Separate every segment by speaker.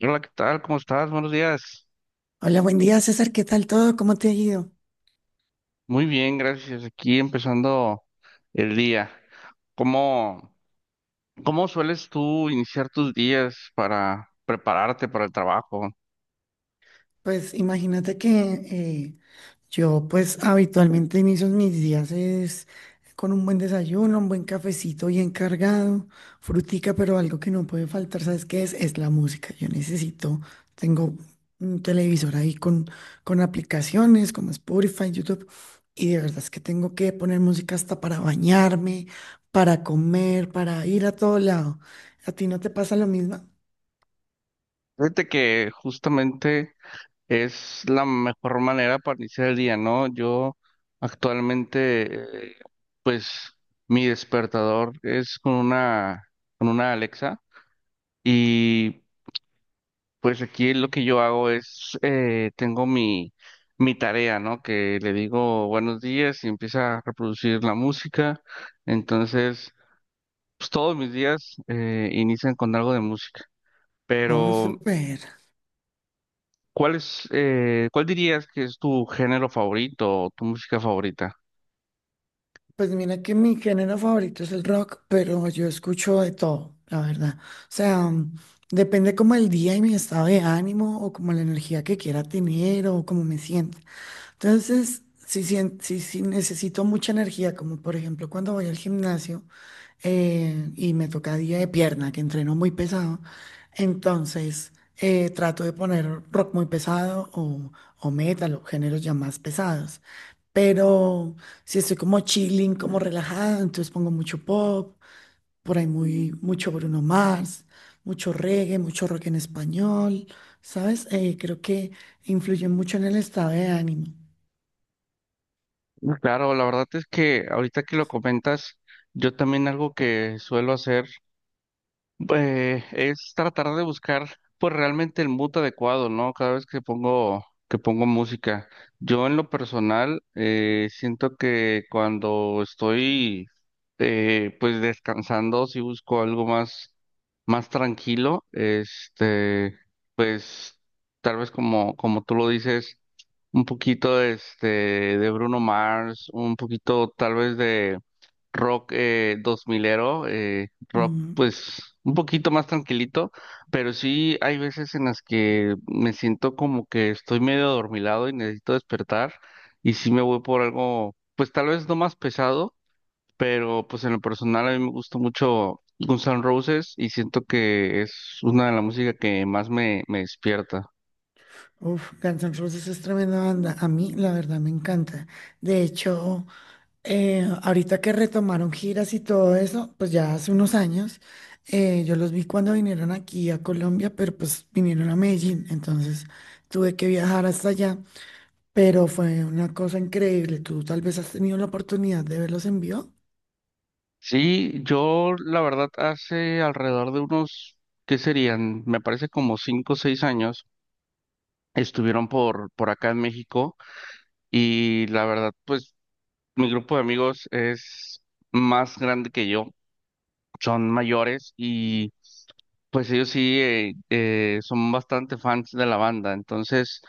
Speaker 1: Hola, ¿qué tal? ¿Cómo estás? Buenos días.
Speaker 2: Hola, buen día César, ¿qué tal todo? ¿Cómo te ha ido?
Speaker 1: Muy bien, gracias. Aquí empezando el día. ¿Cómo, cómo sueles tú iniciar tus días para prepararte para el trabajo?
Speaker 2: Pues imagínate que yo pues habitualmente inicio mis días es con un buen desayuno, un buen cafecito bien cargado, frutica, pero algo que no puede faltar, ¿sabes qué es? Es la música. Yo necesito, tengo un televisor ahí con aplicaciones como Spotify, YouTube, y de verdad es que tengo que poner música hasta para bañarme, para comer, para ir a todo lado. ¿A ti no te pasa lo mismo?
Speaker 1: Fíjate que justamente es la mejor manera para iniciar el día, ¿no? Yo actualmente, pues mi despertador es con una Alexa y pues aquí lo que yo hago es, tengo mi tarea, ¿no? Que le digo buenos días y empieza a reproducir la música. Entonces, pues todos mis días inician con algo de música.
Speaker 2: Oh,
Speaker 1: Pero,
Speaker 2: súper.
Speaker 1: ¿cuál dirías que es tu género favorito o tu música favorita?
Speaker 2: Pues mira que mi género favorito es el rock, pero yo escucho de todo, la verdad. O sea, depende como el día y mi estado de ánimo o como la energía que quiera tener o como me siento. Entonces, si necesito mucha energía, como por ejemplo cuando voy al gimnasio y me toca día de pierna, que entreno muy pesado, entonces trato de poner rock muy pesado o metal o géneros ya más pesados. Pero si estoy como chilling, como relajada, entonces pongo mucho pop, por ahí mucho Bruno Mars, mucho reggae, mucho rock en español, ¿sabes? Creo que influye mucho en el estado de ánimo.
Speaker 1: Claro, la verdad es que ahorita que lo comentas, yo también algo que suelo hacer es tratar de buscar pues realmente el mood adecuado, ¿no? Cada vez que pongo música. Yo en lo personal siento que cuando estoy pues descansando, si busco algo más tranquilo, pues tal vez como tú lo dices un poquito de Bruno Mars, un poquito tal vez de rock 2000ero, rock
Speaker 2: Mm,
Speaker 1: pues un poquito más tranquilito, pero sí hay veces en las que me siento como que estoy medio adormilado y necesito despertar y sí me voy por algo pues tal vez no más pesado, pero pues en lo personal a mí me gusta mucho Guns N' Roses y siento que es una de las músicas que más me despierta.
Speaker 2: Uf, Guns N' Roses es tremenda banda. A mí, la verdad, me encanta. De hecho, ahorita que retomaron giras y todo eso, pues ya hace unos años, yo los vi cuando vinieron aquí a Colombia, pero pues vinieron a Medellín, entonces tuve que viajar hasta allá, pero fue una cosa increíble. ¿Tú tal vez has tenido la oportunidad de verlos en vivo?
Speaker 1: Sí, yo la verdad hace alrededor de unos, ¿qué serían? Me parece como 5 o 6 años, estuvieron por acá en México y la verdad, pues mi grupo de amigos es más grande que yo, son mayores. Pues ellos sí son bastante fans de la banda, entonces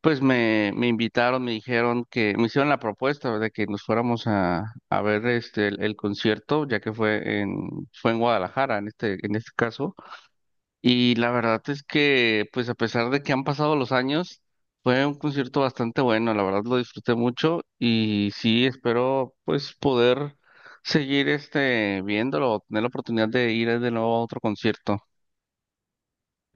Speaker 1: pues me invitaron, me dijeron que me hicieron la propuesta de que nos fuéramos a ver el concierto, ya que fue en Guadalajara en este caso y la verdad es que pues a pesar de que han pasado los años fue un concierto bastante bueno, la verdad lo disfruté mucho y sí espero pues poder seguir viéndolo, tener la oportunidad de ir de nuevo a otro concierto.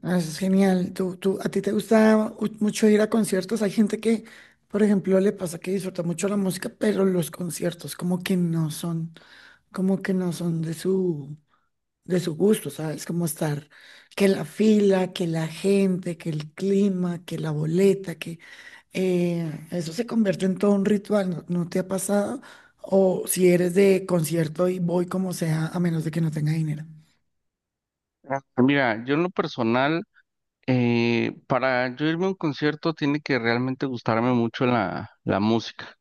Speaker 2: Ah, eso es genial. A ti te gusta mucho ir a conciertos? Hay gente que, por ejemplo, le pasa que disfruta mucho la música, pero los conciertos como que no son, como que no son de de su gusto, ¿sabes? Como estar, que la fila, que la gente, que el clima, que la boleta, que eso se convierte en todo un ritual. ¿No, no te ha pasado? O si eres de concierto y voy como sea, a menos de que no tenga dinero.
Speaker 1: Ah, mira, yo en lo personal, para yo irme a un concierto tiene que realmente gustarme mucho la música,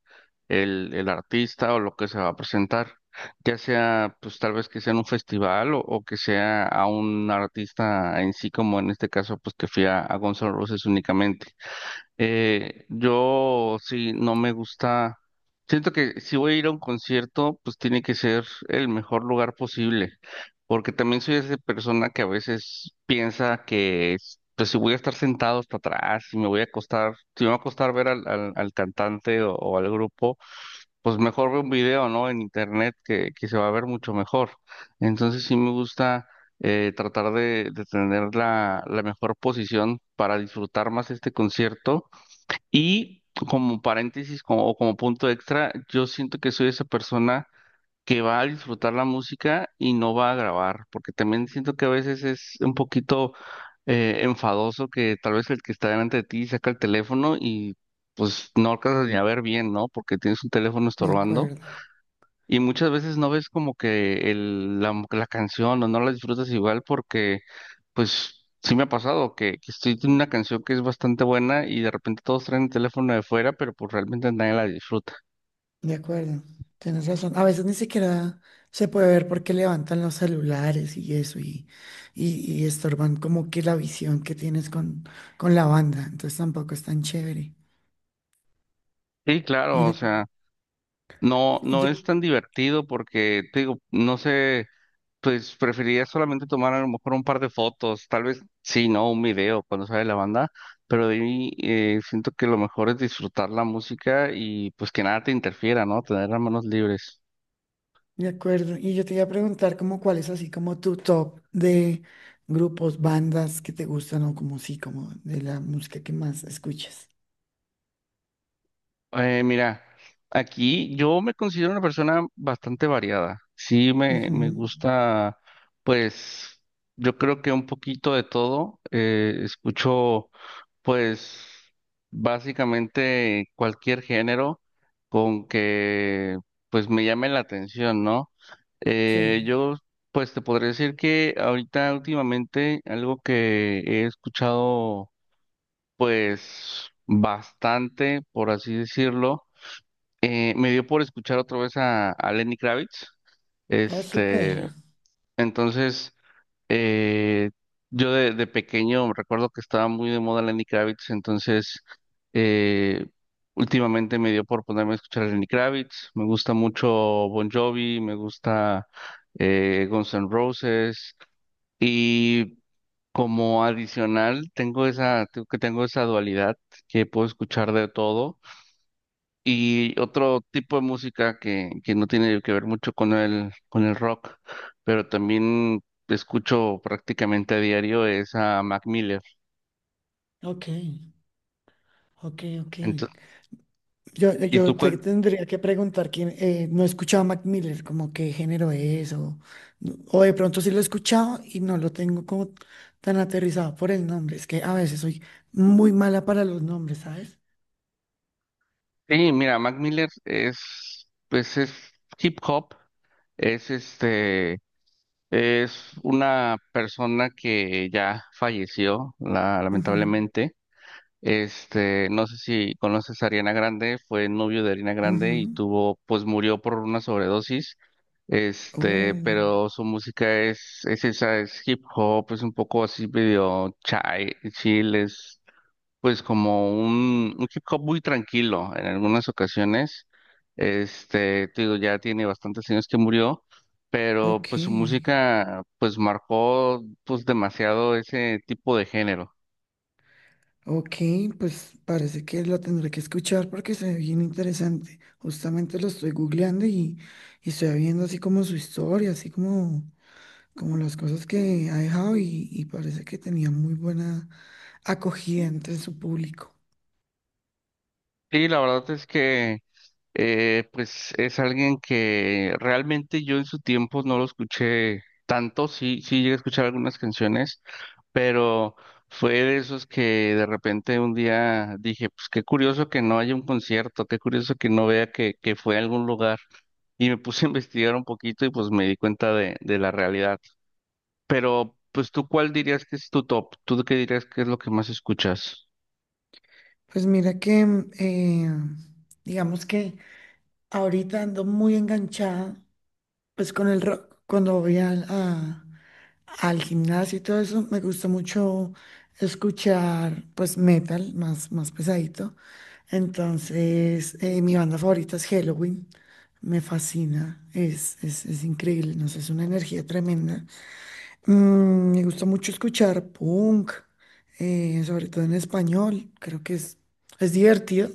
Speaker 1: el artista o lo que se va a presentar, ya sea pues tal vez que sea en un festival o que sea a un artista en sí, como en este caso pues que fui a Guns N' Roses únicamente. Yo sí, no me gusta. Siento que si voy a ir a un concierto, pues tiene que ser el mejor lugar posible, porque también soy esa persona que a veces piensa que, pues si voy a estar sentado hasta atrás, si me voy a acostar, si me va a costar ver al cantante o al grupo, pues mejor veo un video, ¿no? En internet que se va a ver mucho mejor. Entonces sí me gusta tratar de tener la mejor posición para disfrutar más este concierto y como paréntesis o como punto extra, yo siento que soy esa persona que va a disfrutar la música y no va a grabar, porque también siento que a veces es un poquito enfadoso que tal vez el que está delante de ti saca el teléfono y pues no alcanzas ni a ver bien, ¿no? Porque tienes un teléfono
Speaker 2: De
Speaker 1: estorbando
Speaker 2: acuerdo.
Speaker 1: y muchas veces no ves como que la canción o no la disfrutas igual porque pues sí me ha pasado que estoy en una canción que es bastante buena y de repente todos traen el teléfono de fuera, pero pues realmente nadie la disfruta.
Speaker 2: De acuerdo, tienes razón. A veces ni siquiera se puede ver porque levantan los celulares y eso y estorban como que la visión que tienes con la banda. Entonces tampoco es tan chévere.
Speaker 1: Sí, claro, o
Speaker 2: Mira,
Speaker 1: sea, no, no
Speaker 2: yo
Speaker 1: es tan divertido porque, te digo, no sé, pues preferiría solamente tomar a lo mejor un par de fotos, tal vez sí, no, un video cuando sale la banda, pero de ahí siento que lo mejor es disfrutar la música y pues que nada te interfiera, ¿no? Tener las manos libres.
Speaker 2: de acuerdo. Y yo te iba a preguntar como cuál es así como tu top de grupos, bandas que te gustan o como sí, como de la música que más escuchas.
Speaker 1: Mira, aquí yo me considero una persona bastante variada. Sí, me
Speaker 2: Ujú,
Speaker 1: gusta, pues, yo creo que un poquito de todo. Escucho, pues, básicamente cualquier género con que, pues, me llame la atención, ¿no? Eh,
Speaker 2: sí.
Speaker 1: yo, pues, te podría decir que ahorita últimamente algo que he escuchado, pues, bastante, por así decirlo me dio por escuchar otra vez a Lenny Kravitz.
Speaker 2: Ah, súper.
Speaker 1: Este, entonces, eh, yo de pequeño recuerdo que estaba muy de moda Lenny Kravitz, entonces eh, últimamente me dio por ponerme a escuchar a Lenny Kravitz. Me gusta mucho Bon Jovi, me gusta Guns N' Roses y como adicional tengo esa dualidad que puedo escuchar de todo. Y otro tipo de música que no tiene que ver mucho con el rock, pero también escucho prácticamente a diario es a Mac Miller.
Speaker 2: Ok, ok, ok.
Speaker 1: Ento-
Speaker 2: Yo,
Speaker 1: ¿Y tú
Speaker 2: yo te
Speaker 1: cuál?
Speaker 2: tendría que preguntar quién, no he escuchado a Mac Miller, como qué género es, o de pronto sí lo he escuchado y no lo tengo como tan aterrizado por el nombre. Es que a veces soy muy mala para los nombres, ¿sabes?
Speaker 1: Sí, mira, Mac Miller es, pues es hip hop, es es una persona que ya falleció,
Speaker 2: Ujú,
Speaker 1: lamentablemente. No sé si conoces a Ariana Grande, fue novio de Ariana Grande y
Speaker 2: ujú.
Speaker 1: pues murió por una sobredosis. Este,
Speaker 2: Oh,
Speaker 1: pero su música es esa, es hip hop, es un poco así medio chai, chill, es pues como un hip hop muy tranquilo en algunas ocasiones. Te digo, ya tiene bastantes años que murió, pero
Speaker 2: ok.
Speaker 1: pues su música pues marcó pues demasiado ese tipo de género.
Speaker 2: Ok, pues parece que lo tendré que escuchar porque se ve bien interesante. Justamente lo estoy googleando y estoy viendo así como su historia, así como como las cosas que ha dejado y parece que tenía muy buena acogida entre su público.
Speaker 1: Y la verdad es que pues es alguien que realmente yo en su tiempo no lo escuché tanto, sí, sí llegué a escuchar algunas canciones, pero fue de esos que de repente un día dije, pues qué curioso que no haya un concierto, qué curioso que no vea que fue a algún lugar. Y me puse a investigar un poquito y pues me di cuenta de la realidad. Pero, pues tú, ¿cuál dirías que es tu top? ¿Tú qué dirías que es lo que más escuchas?
Speaker 2: Pues mira que, digamos que ahorita ando muy enganchada, pues con el rock, cuando voy al gimnasio y todo eso, me gusta mucho escuchar pues metal más, más pesadito. Entonces, mi banda favorita es Halloween. Me fascina, es increíble, no sé, es una energía tremenda. Me gusta mucho escuchar punk, sobre todo en español. Creo que es divertido,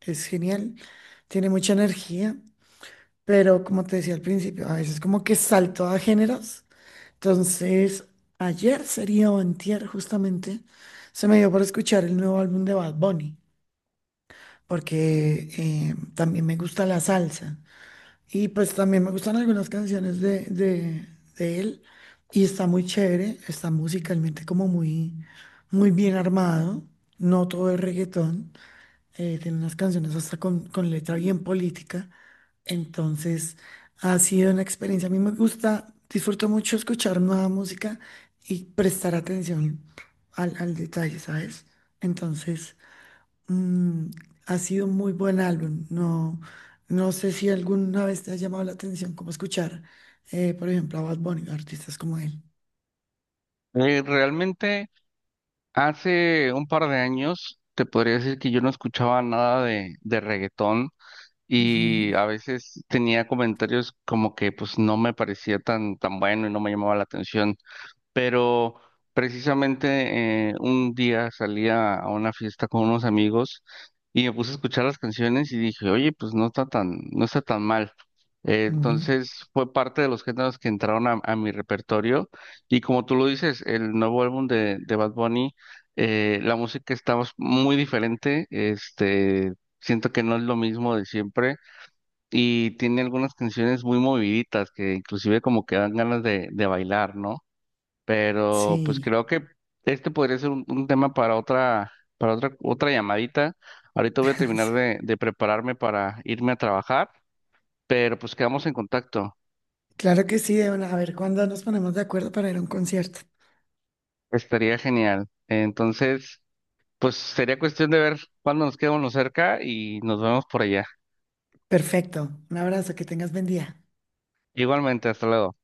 Speaker 2: es genial, tiene mucha energía, pero como te decía al principio, a veces como que salto a géneros. Entonces, ayer sería o antier justamente, se me dio por escuchar el nuevo álbum de Bad Bunny, porque también me gusta la salsa. Y pues también me gustan algunas canciones de él y está muy chévere, está musicalmente como muy, muy bien armado, no todo es reggaetón, tiene unas canciones hasta con letra bien política, entonces ha sido una experiencia, a mí me gusta, disfruto mucho escuchar nueva música y prestar atención al detalle, ¿sabes? Entonces... Mm, ha sido un muy buen álbum. No, no sé si alguna vez te ha llamado la atención cómo escuchar, por ejemplo, a Bad Bunny, artistas como él.
Speaker 1: Realmente hace un par de años te podría decir que yo no escuchaba nada de reggaetón y
Speaker 2: Ujú,
Speaker 1: a veces tenía comentarios como que pues no me parecía tan bueno y no me llamaba la atención, pero precisamente un día salí a una fiesta con unos amigos y me puse a escuchar las canciones y dije, oye, pues no está tan mal. Eh,
Speaker 2: ujú.
Speaker 1: entonces fue parte de los géneros que entraron a mi repertorio y como tú lo dices, el nuevo álbum de Bad Bunny, la música estaba muy diferente, siento que no es lo mismo de siempre y tiene algunas canciones muy moviditas que inclusive como que dan ganas de bailar, ¿no? Pero pues
Speaker 2: Sí,
Speaker 1: creo que este podría ser un tema para otra llamadita. Ahorita voy a terminar
Speaker 2: sí.
Speaker 1: de prepararme para irme a trabajar, pero pues quedamos en contacto.
Speaker 2: Claro que sí, Débora. A ver cuándo nos ponemos de acuerdo para ir a un concierto.
Speaker 1: Estaría genial. Entonces, pues sería cuestión de ver cuándo nos quedamos cerca y nos vemos por allá.
Speaker 2: Perfecto. Un abrazo, que tengas buen día.
Speaker 1: Igualmente, hasta luego.